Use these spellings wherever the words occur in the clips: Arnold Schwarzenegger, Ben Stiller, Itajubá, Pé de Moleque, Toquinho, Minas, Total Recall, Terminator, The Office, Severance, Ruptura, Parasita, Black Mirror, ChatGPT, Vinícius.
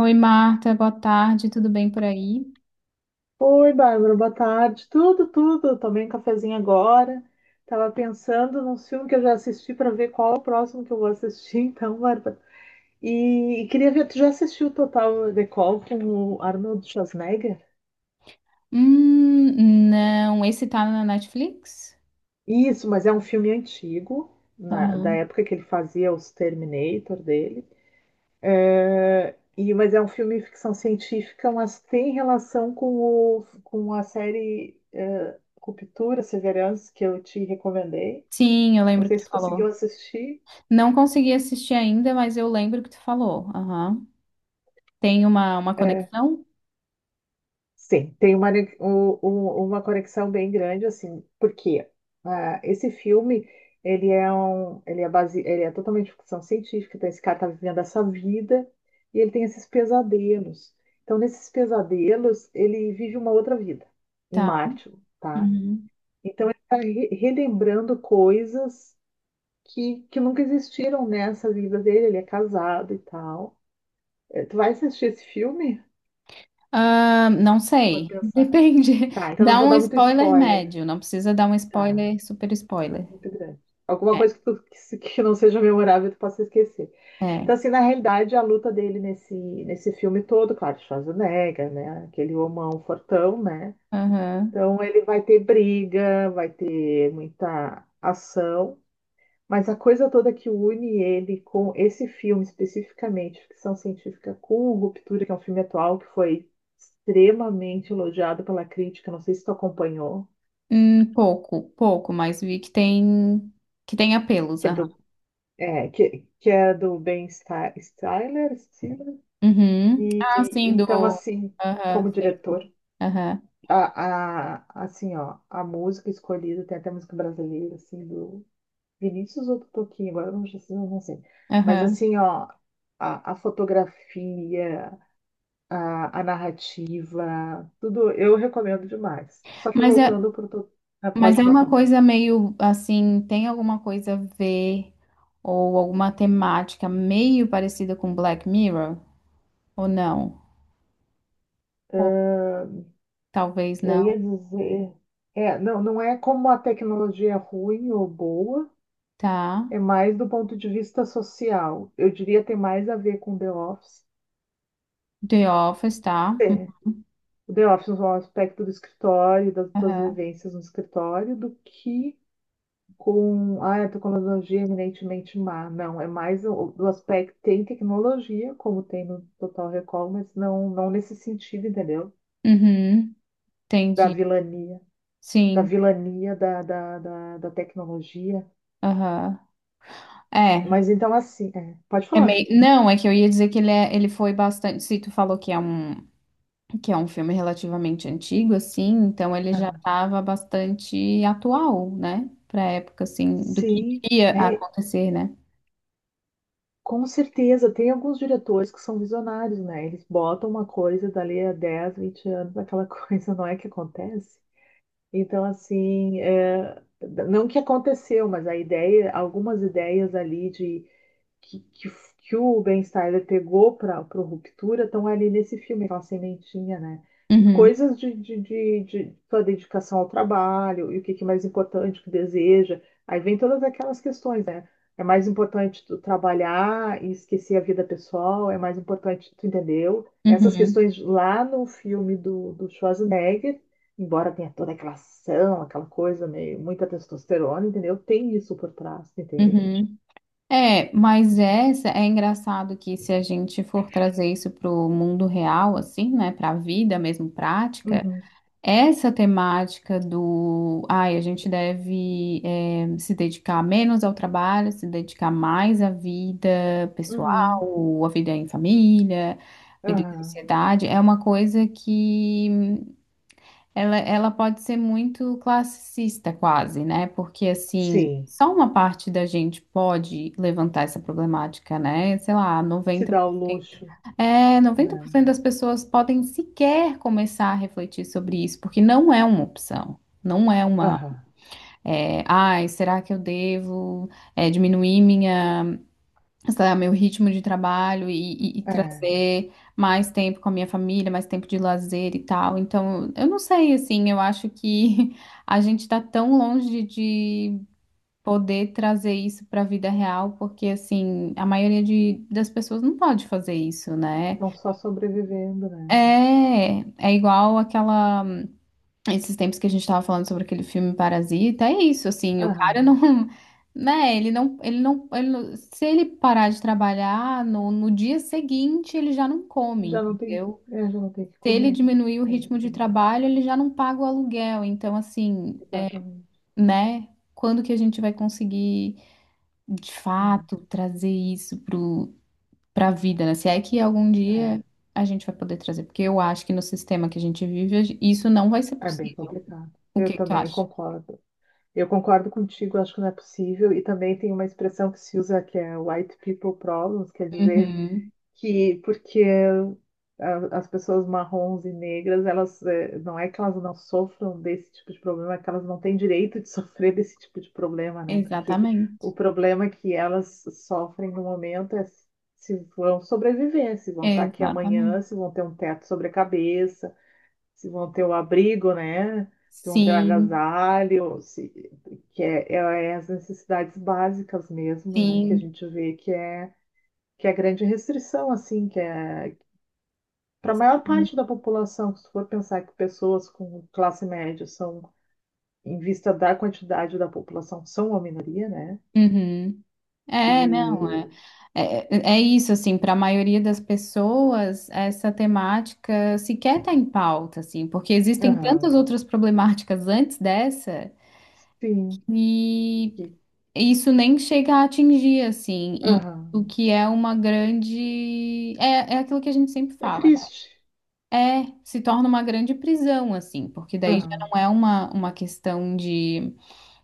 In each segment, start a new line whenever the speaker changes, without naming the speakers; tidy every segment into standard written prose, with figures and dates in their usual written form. Oi, Marta, boa tarde, tudo bem por aí?
Oi, Bárbara, boa tarde. Tudo, tudo. Eu tomei um cafezinho agora. Tava pensando num filme que eu já assisti para ver qual é o próximo que eu vou assistir, então, Bárbara. E queria ver, tu já assistiu o Total Recall com o Arnold Schwarzenegger?
Não, esse tá na Netflix?
Isso, mas é um filme antigo, da
Aham.
época que ele fazia os Terminator dele. É, mas é um filme de ficção científica, mas tem relação com a série Ruptura, Severance, que eu te recomendei.
Sim, eu
Não
lembro que
sei
tu
se conseguiu
falou.
assistir.
Não consegui assistir ainda, mas eu lembro que tu falou. Aham. Tem uma
É,
conexão?
sim, tem uma, ne- um- um- uma conexão bem grande, assim, porque esse filme, ele é um, ele é base, ele é totalmente ficção científica, então esse cara tá vivendo essa vida e ele tem esses pesadelos. Então, nesses pesadelos, ele vive uma outra vida em
Tá.
Marte, tá?
Uhum.
Então, ele tá relembrando coisas que nunca existiram nessa vida dele, ele é casado e tal. Tu vai assistir esse filme?
Ah, não
Vou
sei,
pensar.
depende.
Tá, então não
Dá
vou
um
dar muito
spoiler
spoiler.
médio, não precisa dar um
Tá,
spoiler, super spoiler.
muito grande. Alguma
É.
coisa que, que não seja memorável tu possa esquecer.
É.
Então, assim, na realidade, a luta dele nesse filme todo, claro, Schwarzenegger, né? Aquele homão fortão, né?
Aham.
Então, ele vai ter briga, vai ter muita ação, mas a coisa toda que une ele com esse filme especificamente, ficção científica com Ruptura, que é um filme atual que foi extremamente elogiado pela crítica, não sei se tu acompanhou,
Pouco, pouco, mas vi que tem apelos.
que é do É, que é do Ben Stiller.
Uhum. Ah, sim,
Então,
do.
assim,
Aham,
como
sei.
diretor,
Aham,
assim, ó, a música escolhida, tem até música brasileira, assim, do Vinícius ou do Toquinho, agora eu não sei. Mas,
aham.
assim, ó, a fotografia, a narrativa, tudo, eu recomendo demais. Só que
Mas é,
voltando para o...
mas
Pode
é
falar,
uma
Paulo.
coisa meio assim, tem alguma coisa a ver ou alguma temática meio parecida com Black Mirror? Ou não? Ou talvez
Eu
não.
ia dizer... É, não, não é como a tecnologia é ruim ou boa.
Tá.
É mais do ponto de vista social. Eu diria ter mais a ver com The Office.
The Office, tá.
É, o The Office é um aspecto do escritório, das tuas
Aham.
vivências no escritório, do que com a tecnologia é eminentemente má. Não, é mais do aspecto tem tecnologia, como tem no Total Recall, mas não, não nesse sentido, entendeu?
Uhum.
Da
Entendi.
vilania, da
Sim.
vilania da tecnologia.
Aham. É.
Mas então assim, é, pode
É
falar.
meio... Não, é que eu ia dizer que ele, é, ele foi bastante. Se tu falou que é um. Que é um filme relativamente antigo, assim, então ele já
Ah,
estava bastante atual, né? Para a época, assim, do que
sim.
iria
É,
acontecer, né?
com certeza, tem alguns diretores que são visionários, né? Eles botam uma coisa dali a 10 20 anos, aquela coisa não é que acontece. Então, assim, é, não que aconteceu, mas a ideia, algumas ideias ali de que, que, que o Ben Stiller pegou para o Ruptura estão ali nesse filme, aquela sementinha, né? E
Uhum,
coisas de sua dedicação ao trabalho, e o que é mais importante, o que deseja. Aí vem todas aquelas questões, né? É mais importante tu trabalhar e esquecer a vida pessoal, é mais importante, tu entendeu? Essas
uhum,
questões lá no filme do Schwarzenegger, embora tenha toda aquela ação, aquela coisa meio, muita testosterona, entendeu? Tem isso por trás, entende?
uhum. É, mas essa é engraçado que se a gente for trazer isso para o mundo real, assim, né? Para a vida mesmo prática.
Uhum,
Essa temática do, ai, a gente deve se dedicar menos ao trabalho, se dedicar mais à vida
uhum.
pessoal, à vida em família, à vida em
Aham.
sociedade, é uma coisa que ela pode ser muito classicista quase, né? Porque assim,
Sim.
só uma parte da gente pode levantar essa problemática, né? Sei lá,
Se
90
dá o luxo,
é, noventa por
né?
cento das pessoas podem sequer começar a refletir sobre isso, porque não é uma opção. Não é uma,
Aham.
é, ai, será que eu devo, é, diminuir minha, sei lá, meu ritmo de trabalho e, e
É.
trazer mais tempo com a minha família, mais tempo de lazer e tal. Então, eu não sei, assim, eu acho que a gente está tão longe de poder trazer isso para a vida real, porque, assim, a maioria das pessoas não pode fazer isso, né?
Estão só sobrevivendo, né?
É, é igual aquela. Esses tempos que a gente tava falando sobre aquele filme Parasita, é isso, assim, o cara
Aham.
não. Né, ele não, se ele parar de trabalhar no dia seguinte, ele já não come,
Já não tem,
entendeu?
já não tem o que
Se ele
comer.
diminuir o
É isso
ritmo
que
de
eu.
trabalho, ele já não paga o aluguel. Então, assim,
Exatamente.
né? Quando que a gente vai conseguir, de
É.
fato, trazer isso para a vida, né? Se é que algum
É.
dia a gente vai poder trazer, porque eu acho que no sistema que a gente vive, isso não vai ser
É bem
possível.
complicado.
O que
Eu
que tu
também
acha?
concordo. Eu concordo contigo, acho que não é possível. E também tem uma expressão que se usa que é white people problems, quer dizer
Uhum.
que porque as pessoas marrons e negras, elas não é que elas não sofram desse tipo de problema, é que elas não têm direito de sofrer desse tipo de problema, né? Porque o
Exatamente.
problema que elas sofrem no momento é se vão sobreviver, se vão estar aqui amanhã,
Exatamente.
se vão ter um teto sobre a cabeça, se vão ter o abrigo, né? Se vão ter o
Sim,
agasalho, se, que é, é as necessidades básicas mesmo, né? Que a
sim.
gente vê que é a grande restrição, assim, que é para a maior parte da população, se for pensar que pessoas com classe média são, em vista da quantidade da população, são uma minoria, né?
Uhum. É, não,
E.
é, é, é isso, assim, para a maioria das pessoas, essa temática sequer está em pauta, assim, porque existem
Aham,
tantas outras problemáticas antes dessa,
sim.
e
e-
isso nem chega a atingir, assim, e
Aham.
o que é uma grande. É, é aquilo que a gente sempre
É
fala, né?
triste.
É, se torna uma grande prisão, assim, porque daí já
Aham.
não é uma questão de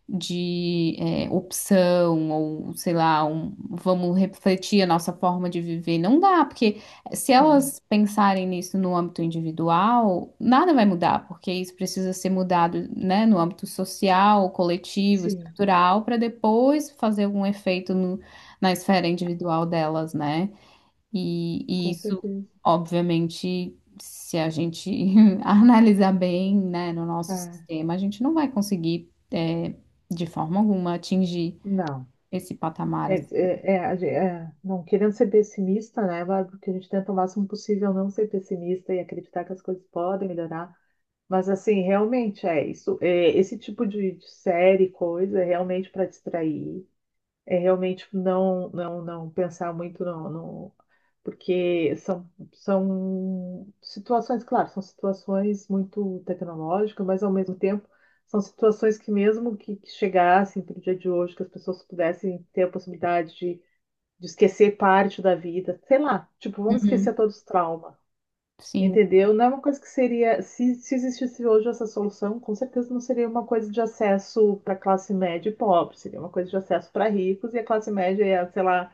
de é, opção, ou sei lá, um, vamos refletir a nossa forma de viver. Não dá, porque se
Aham,
elas pensarem nisso no âmbito individual, nada vai mudar, porque isso precisa ser mudado, né, no âmbito social, coletivo,
sim,
estrutural, para depois fazer algum efeito na esfera individual delas, né? E
com
isso,
certeza.
obviamente, se a gente analisar bem, né, no nosso
É,
sistema, a gente não vai conseguir, é, de forma alguma, atingir
não.
esse patamar. Assim.
Não querendo ser pessimista, né, Bárbara? Porque a gente tenta o máximo possível não ser pessimista e acreditar que as coisas podem melhorar. Mas assim, realmente é isso. É, esse tipo de série, coisa, é realmente para distrair. É realmente não, não, não pensar muito no. Porque são situações, claro, são situações muito tecnológicas, mas ao mesmo tempo são situações que mesmo que chegassem para o dia de hoje, que as pessoas pudessem ter a possibilidade de esquecer parte da vida, sei lá, tipo, vamos
Uhum.
esquecer todos os traumas.
Sim,
Entendeu? Não é uma coisa que seria. Se existisse hoje essa solução, com certeza não seria uma coisa de acesso para classe média e pobre, seria uma coisa de acesso para ricos e a classe média ia, sei lá,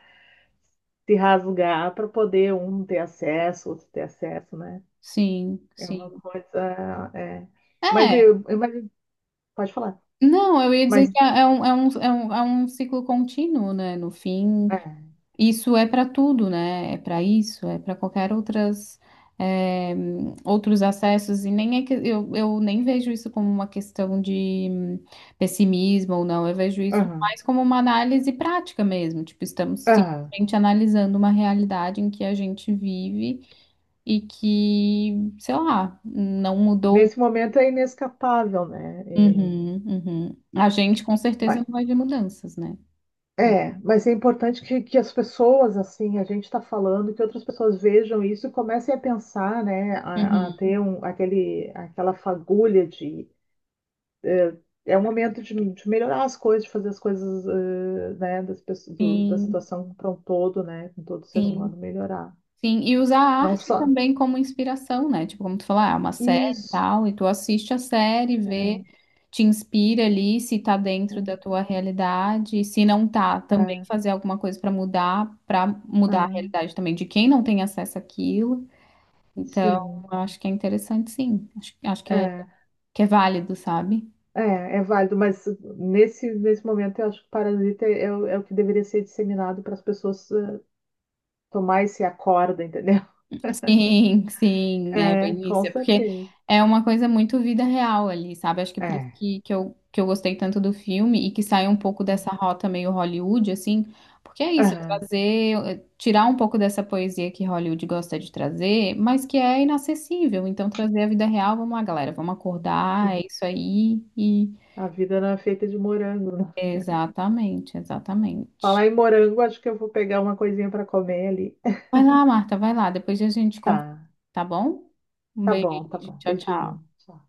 se rasgar para poder um ter acesso, outro ter acesso, né?
sim,
É uma
sim.
coisa. É. Mas
É,
eu pode falar.
não, eu ia dizer
Mas
que é um, é um ciclo contínuo, né? No fim,
é,
isso é para tudo, né? É para isso, é para qualquer outras eh, outros acessos e nem é que eu nem vejo isso como uma questão de pessimismo ou não. Eu vejo isso
aham,
mais como uma análise prática mesmo. Tipo, estamos
aham.
simplesmente analisando uma realidade em que a gente vive e que, sei lá, não mudou.
Nesse momento é inescapável, né? É,
Uhum, uhum. A gente com certeza não vai ver mudanças, né?
Mas é importante que as pessoas, assim, a gente está falando, que outras pessoas vejam isso e comecem a pensar, né, a
Uhum.
ter um, aquela fagulha de. eh, um momento de melhorar as coisas, de fazer as coisas, né, da
Sim,
situação para um todo, né, com todo ser humano
sim.
melhorar.
Sim, e usar a
Não
arte
só.
também como inspiração, né? Tipo, como tu falar, ah, é uma série e
Isso.
tal, e tu assiste a série, vê, te inspira ali, se tá dentro da tua realidade, e se não tá,
É,
também fazer alguma coisa pra
é,
mudar a realidade também de quem não tem acesso àquilo. Então,
sim.
eu acho que é interessante, sim. Acho, acho
É.
que é válido, sabe?
É, é válido, mas nesse momento eu acho que Parasita é, é o que deveria ser disseminado para as pessoas tomar esse acorda, entendeu?
Sim, sim, é
É,
bem isso.
com
É porque
certeza.
é uma coisa muito vida real ali, sabe? Acho que é por isso
É.
que eu gostei tanto do filme e que sai um pouco dessa rota meio Hollywood, assim. Porque é isso, é
Aham,
trazer, é tirar um pouco dessa poesia que Hollywood gosta de trazer, mas que é inacessível. Então, trazer a vida real, vamos lá, galera, vamos acordar, é
sim.
isso aí. E...
A vida não é feita de morango, né?
Exatamente, exatamente.
Falar em morango, acho que eu vou pegar uma coisinha para comer ali.
Vai lá, Marta, vai lá, depois a gente conversa,
Tá,
tá bom? Um
tá
beijo,
bom, tá bom.
tchau,
Beijinho.
tchau.
Tchau.